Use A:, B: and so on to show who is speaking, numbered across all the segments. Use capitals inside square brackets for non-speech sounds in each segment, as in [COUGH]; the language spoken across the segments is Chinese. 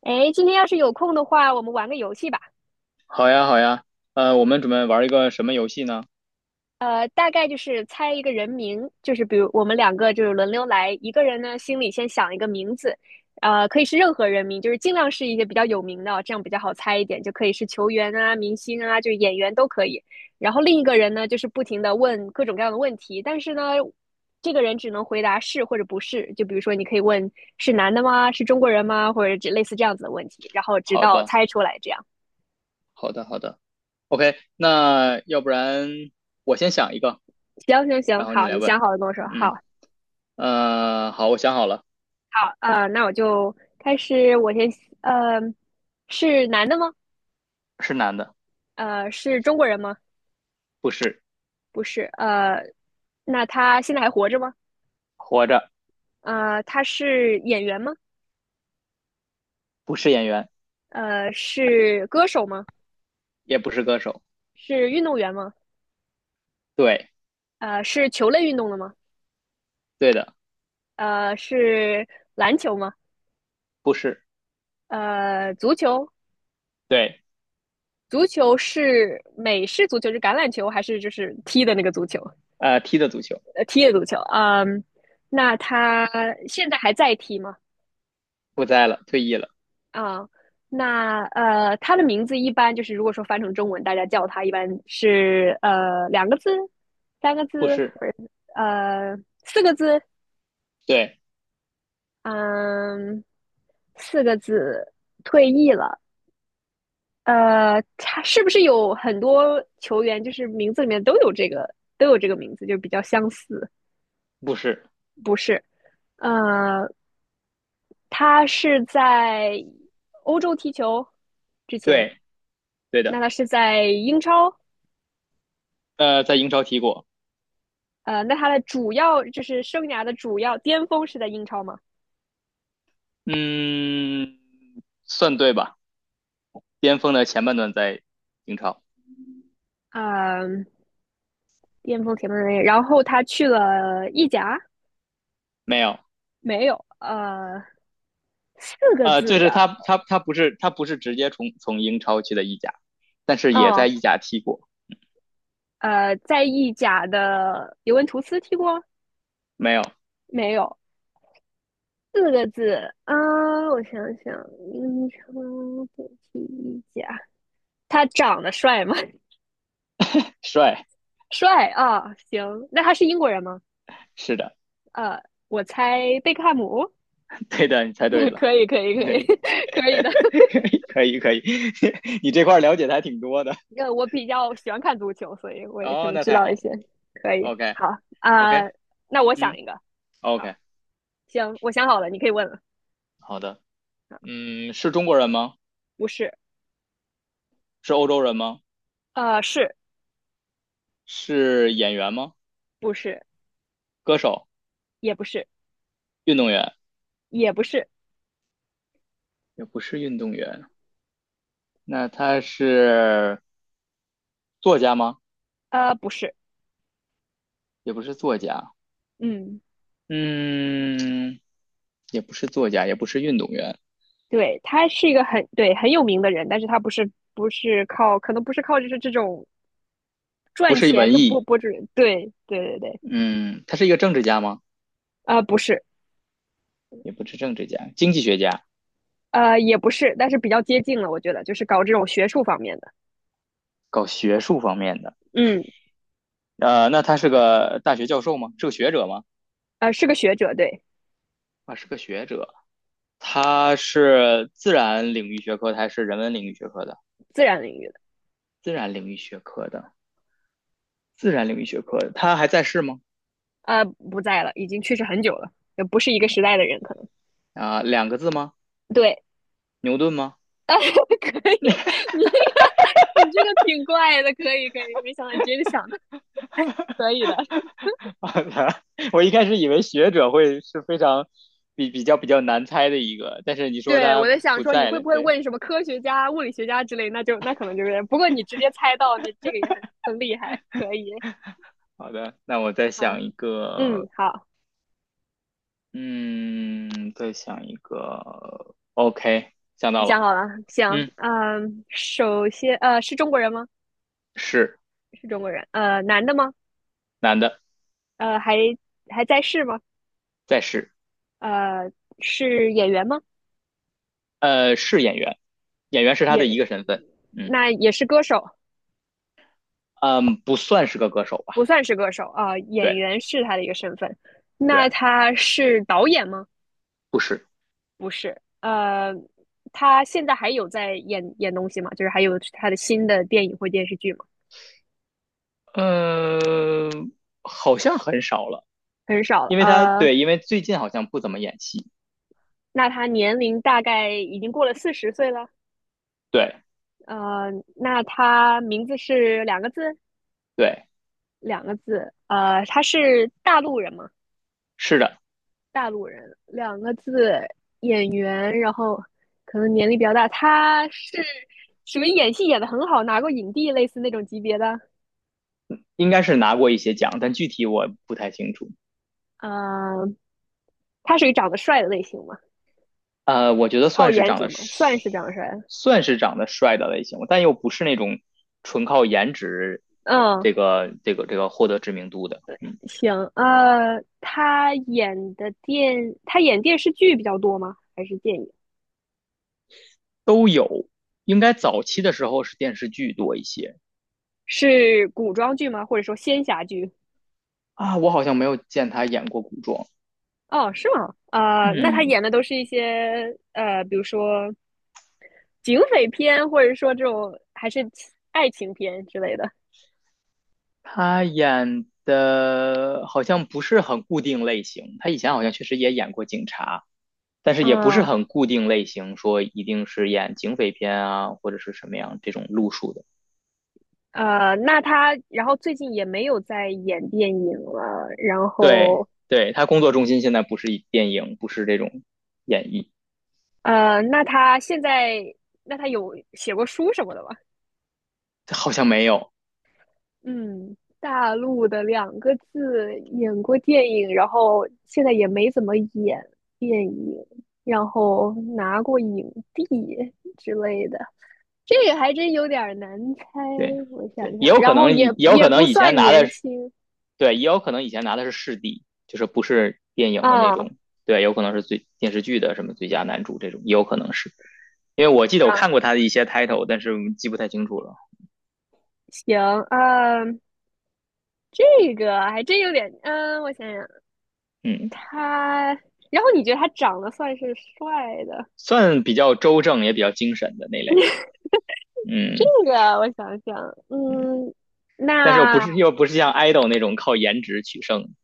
A: 哎，今天要是有空的话，我们玩个游戏吧。
B: 好呀，好呀，我们准备玩一个什么游戏呢？
A: 大概就是猜一个人名，就是比如我们两个就是轮流来，一个人呢心里先想一个名字，可以是任何人名，就是尽量是一些比较有名的，这样比较好猜一点，就可以是球员啊、明星啊，就是演员都可以。然后另一个人呢，就是不停的问各种各样的问题，但是呢，这个人只能回答是或者不是。就比如说，你可以问是男的吗？是中国人吗？或者这类似这样子的问题，然后直
B: 好
A: 到
B: 的，
A: 猜出来这样。
B: 好的，好的。OK，那要不然我先想一个，
A: 行行行，
B: 然后你
A: 好，
B: 来
A: 你
B: 问。
A: 想好了跟我说。
B: 嗯，
A: 好，
B: 好，我想好了，
A: 好，那我就开始。我先，呃，是男的吗？
B: 是男的，
A: 是中国人吗？
B: 不是，
A: 不是。那他现在还活着吗？
B: 活着，
A: 他是演员吗？
B: 不是演员，
A: 是歌手吗？
B: 也不是歌手。
A: 是运动员吗？
B: 对，
A: 是球类运动的吗？
B: 对的，
A: 是篮球吗？
B: 不是，
A: 足球，
B: 对，
A: 足球是美式足球，是橄榄球还是就是踢的那个足球？
B: 踢的足球，
A: 踢了足球，嗯，那他现在还在踢吗？
B: 不在了，退役了，
A: 啊、那他的名字一般就是如果说翻成中文，大家叫他一般是两个字、三个
B: 不
A: 字
B: 是，
A: 或者呃四个字，
B: 对，
A: 嗯，四个字退役了。他是不是有很多球员就是名字里面都有这个名字，就比较相似？
B: 不是，
A: 不是，呃，他是在欧洲踢球之前，
B: 对，对
A: 那
B: 的，
A: 他是在英超，
B: 在英超踢过，
A: 那他的主要就是生涯的主要巅峰是在英超嘛？
B: 嗯，算对吧？巅峰的前半段在英超。
A: 嗯，巅峰前面的然后他去了意甲，
B: 没有，
A: 没有，四个
B: 就
A: 字
B: 是
A: 的，
B: 他不是他不是直接从英超去的意甲，但是也在
A: 哦，
B: 意甲踢过。
A: 在意甲的尤文图斯踢过
B: 没有，
A: 没有？四个字啊，我想想，英超对踢意甲，他长得帅吗？
B: 帅，
A: 帅啊，行，那他是英国人吗？
B: 是的，
A: 呃，我猜贝克汉姆。
B: 对的，你猜对
A: [LAUGHS]
B: 了，
A: 可以，可以，可以，
B: 对，
A: [LAUGHS] 可以的。
B: [LAUGHS] 可以可以，[LAUGHS] 你这块儿了解的还挺多的。
A: 我比较喜欢看足球，所以我也可
B: 哦，
A: 能
B: 那
A: 知
B: 太
A: 道
B: 好
A: 一
B: 了
A: 些。可以，
B: ，OK
A: 好啊，
B: OK，
A: 那我想
B: 嗯
A: 一个。好，
B: ，OK，
A: 行，我想好了，你可以问了。
B: 好的，
A: 啊，
B: 嗯，是中国人吗？
A: 不是，
B: 是欧洲人吗？
A: 呃，是
B: 是演员吗？
A: 不是？
B: 歌手、
A: 也不是，
B: 运动员？
A: 也不是，
B: 也不是运动员，那他是作家吗？
A: 不是。
B: 也不是作家。
A: 嗯，
B: 嗯，也不是作家，也不是运动员，
A: 对，他是一个很对很有名的人，但是他不是靠，可能不是靠就是这种
B: 不
A: 赚
B: 是
A: 钱
B: 文
A: 就博
B: 艺，
A: 博主人。对，对对对，
B: 嗯，他是一个政治家吗？
A: 不是。
B: 也不是政治家，经济学家，
A: 也不是，但是比较接近了，我觉得就是搞这种学术方面的，
B: 搞学术方面的。
A: 嗯，
B: 那他是个大学教授吗？是个学者吗？
A: 是个学者，对，
B: 啊，是个学者。他是自然领域学科的还是人文领域学科的？
A: 自然领域的，
B: 自然领域学科的，自然领域学科的。他还在世吗？
A: 不在了，已经去世很久了，也不是一个时代的人，可能，
B: 啊、两个字吗？
A: 对，
B: 牛顿吗？
A: 呃，[LAUGHS] 可以，你这个挺怪的，可以可以，没想到你直接就想的，可以的，
B: [LAUGHS] 我一开始以为学者会是非常比较难猜的一个，但是你说
A: 对，我
B: 他
A: 在想
B: 不
A: 说你
B: 在
A: 会
B: 了，
A: 不会
B: 对，
A: 问什么科学家、物理学家之类，那就那可能就是，不过你直接猜到，那这个也很厉害，可以，
B: 好的，那我再
A: 啊，
B: 想一
A: 嗯，
B: 个，
A: 好，
B: 嗯，再想一个，OK，想
A: 你
B: 到
A: 想
B: 了，
A: 好了，行，
B: 嗯，
A: 嗯，首先，是中国人吗？
B: 是
A: 是中国人，男的吗？
B: 男的，
A: 还在世吗？
B: 在是，
A: 呃，是演员吗？
B: 是演员，演员是他的一
A: 也，
B: 个身份，嗯
A: 那也是歌手，
B: 嗯，不算是个歌手吧，
A: 不算是歌手啊，演
B: 对
A: 员是他的一个身份。
B: 对，
A: 那他是导演吗？
B: 不是，
A: 不是，他现在还有在演东西吗？就是还有他的新的电影或电视剧吗？
B: 嗯、好像很少了，
A: 很少了，
B: 因为他对，因为最近好像不怎么演戏，
A: 那他年龄大概已经过了四十岁了，
B: 对
A: 呃，那他名字是两个字，
B: 对。
A: 两个字，他是大陆人吗？
B: 是的，
A: 大陆人，两个字演员，然后可能年龄比较大，他是属于演戏演的很好，拿过影帝类似那种级别的。
B: 应该是拿过一些奖，但具体我不太清楚。
A: 嗯，他属于长得帅的类型嘛，
B: 呃，我觉得
A: 靠
B: 算是
A: 颜
B: 长
A: 值
B: 得
A: 嘛，算是长得帅的
B: 算是长得帅的类型，但又不是那种纯靠颜值
A: 嗯，
B: 这个获得知名度的。嗯，
A: 行，他演电视剧比较多吗？还是电影？
B: 都有。应该早期的时候是电视剧多一些
A: 是古装剧吗？或者说仙侠剧？
B: 啊，我好像没有见他演过古装。
A: 哦，是吗？那他
B: 嗯，
A: 演的都是一些比如说警匪片，或者说这种还是爱情片之类的
B: 他演的好像不是很固定类型，他以前好像确实也演过警察。但是也不是
A: 啊。
B: 很固定类型，说一定是演警匪片啊，或者是什么样这种路数的。
A: 那他然后最近也没有在演电影了，然
B: 对，
A: 后
B: 对，他工作重心现在不是以电影，不是这种演绎，
A: 呃，那他现在那他有写过书什么的吗？
B: 好像没有。
A: 嗯，大陆的两个字演过电影，然后现在也没怎么演电影，然后拿过影帝之类的。这个还真有点难猜，
B: 对，
A: 我想
B: 对，也
A: 想，
B: 有
A: 然
B: 可
A: 后
B: 能也
A: 也
B: 有
A: 也
B: 可
A: 不
B: 能以前
A: 算
B: 拿的
A: 年
B: 是，
A: 轻
B: 对，也有可能以前拿的是视帝，就是不是电影的那
A: 啊，
B: 种。对，有可能是最电视剧的什么最佳男主这种，也有可能是。因为我记得我
A: 然
B: 看过他的一些 title，但是记不太清楚了。
A: 行，嗯，这个还真有点，嗯，我想想，
B: 嗯，
A: 他，然后你觉得他长得算是帅的？
B: 算比较周正，也比较精神的那类。
A: [LAUGHS] 这
B: 嗯。
A: 个我想想，嗯，
B: 但是又不
A: 那
B: 是又不是像 idol 那种靠颜值取胜，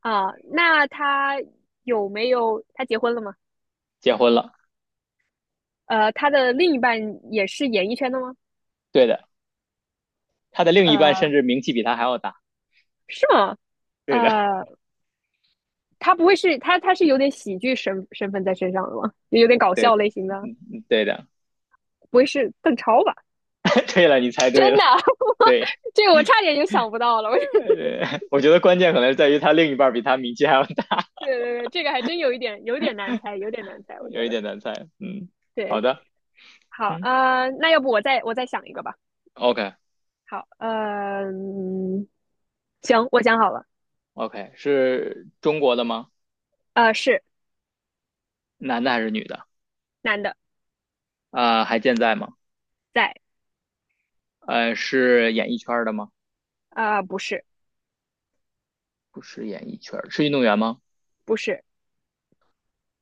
A: 啊，那他有没有他结婚了吗？
B: 结婚了，
A: 他的另一半也是演艺圈的吗？
B: 对的，他的另一半甚
A: 呃，
B: 至名气比他还要大，
A: 是吗？
B: 对的，
A: 呃，他不会是他他是有点喜剧身份在身上的吗？有点搞笑
B: 对，
A: 类型的，
B: 嗯，对的，
A: 不会是邓超吧？
B: [LAUGHS] 对了，你猜
A: [LAUGHS] 真
B: 对了，
A: 的，[LAUGHS]
B: 对，
A: 这个我差点就想不到了。我 [LAUGHS]
B: [LAUGHS]
A: 对
B: 我觉得关键可能在于他另一半比他名气还要大，
A: 对对，这个还真有一点有点难猜，有点难猜，我觉
B: 有一
A: 得。
B: 点难猜，嗯，好
A: 对，
B: 的，
A: 好，
B: 嗯
A: 那要不我再想一个吧。
B: ，OK
A: 好，呃嗯行，我想好了，
B: OK，是中国的吗？
A: 是
B: 男的还是女的？
A: 男的，
B: 啊、还健在吗？
A: 在，
B: 是演艺圈的吗？
A: 不是，
B: 不是演艺圈是运动员吗？
A: 不是，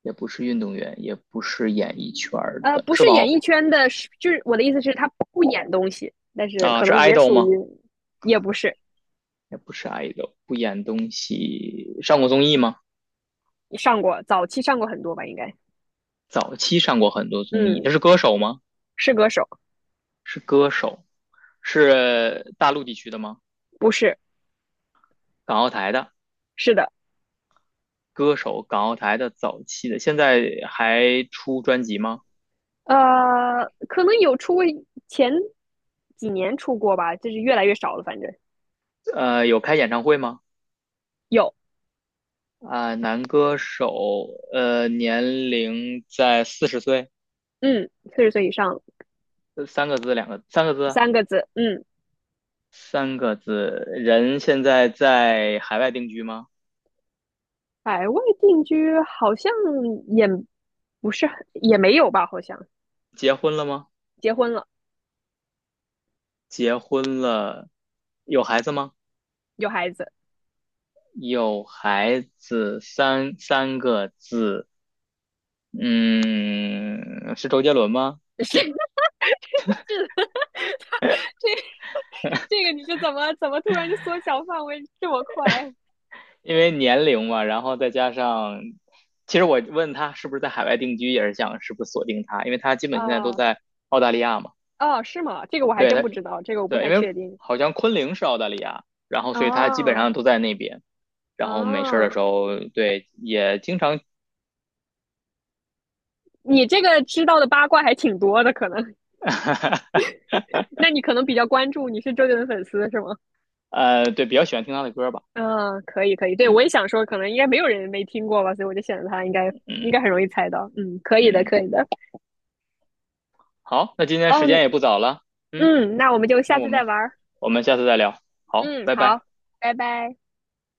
B: 也不是运动员，也不是演艺圈的，
A: 不
B: 是
A: 是演
B: 网
A: 艺圈的，是就是我的意思是，他不演东西，但是
B: 啊，
A: 可
B: 是
A: 能也
B: idol
A: 属于，
B: 吗？
A: 也不是，
B: 也不是 idol，不演东西，上过综艺吗？
A: 上过，早期上过很多吧，应该。
B: 早期上过很多综艺，
A: 嗯，
B: 他是歌手吗？
A: 是歌手，
B: 是歌手，是大陆地区的吗？
A: 不是，
B: 港澳台的
A: 是的，
B: 歌手，港澳台的早期的，现在还出专辑吗？
A: 可能有出过，前几年出过吧，就是越来越少了，反正
B: 有开演唱会吗？
A: 有，
B: 啊、男歌手，年龄在40岁，
A: 嗯，四十岁以上
B: 三个字，两个，三个字啊，
A: 三个字，嗯，
B: 三个字，人现在在海外定居吗？
A: 海外定居好像也不是很也没有吧，好像
B: 结婚了吗？
A: 结婚了，
B: 结婚了，有孩子吗？
A: 有孩子，
B: 有孩子三个字，嗯，是周杰伦吗？
A: [LAUGHS] 是是的，[LAUGHS] 他这这个你是怎么突然就缩小范围这么快
B: 因为年龄嘛，然后再加上，其实我问他是不是在海外定居，也是想是不是锁定他，因为他基本现在都
A: 啊？
B: 在澳大利亚嘛。
A: 啊哦是吗？这个我还
B: 对
A: 真
B: 他，
A: 不知道，这个我不
B: 对，因
A: 太
B: 为
A: 确定。
B: 好像昆凌是澳大利亚，然后所以他基本
A: 哦
B: 上都在那边，然后没事儿的
A: 哦，
B: 时候，对，也经常，
A: 你这个知道的八卦还挺多的，可能，
B: [LAUGHS]
A: [LAUGHS] 那你可能比较关注，你是周杰伦粉丝是吗？
B: 对，比较喜欢听他的歌吧，
A: 嗯，可以可以，对，
B: 嗯
A: 我也想说，可能应该没有人没听过吧，所以我就选了他，应该应该
B: 嗯
A: 很容易猜到。嗯，可以的，
B: 嗯。
A: 可以的。
B: 好，那今天
A: 哦，
B: 时间也不早了，嗯，
A: 嗯，那我们就
B: 那
A: 下
B: 我
A: 次再
B: 们
A: 玩儿
B: 我们下次再聊，好，
A: 嗯，
B: 拜拜。
A: 好，拜拜。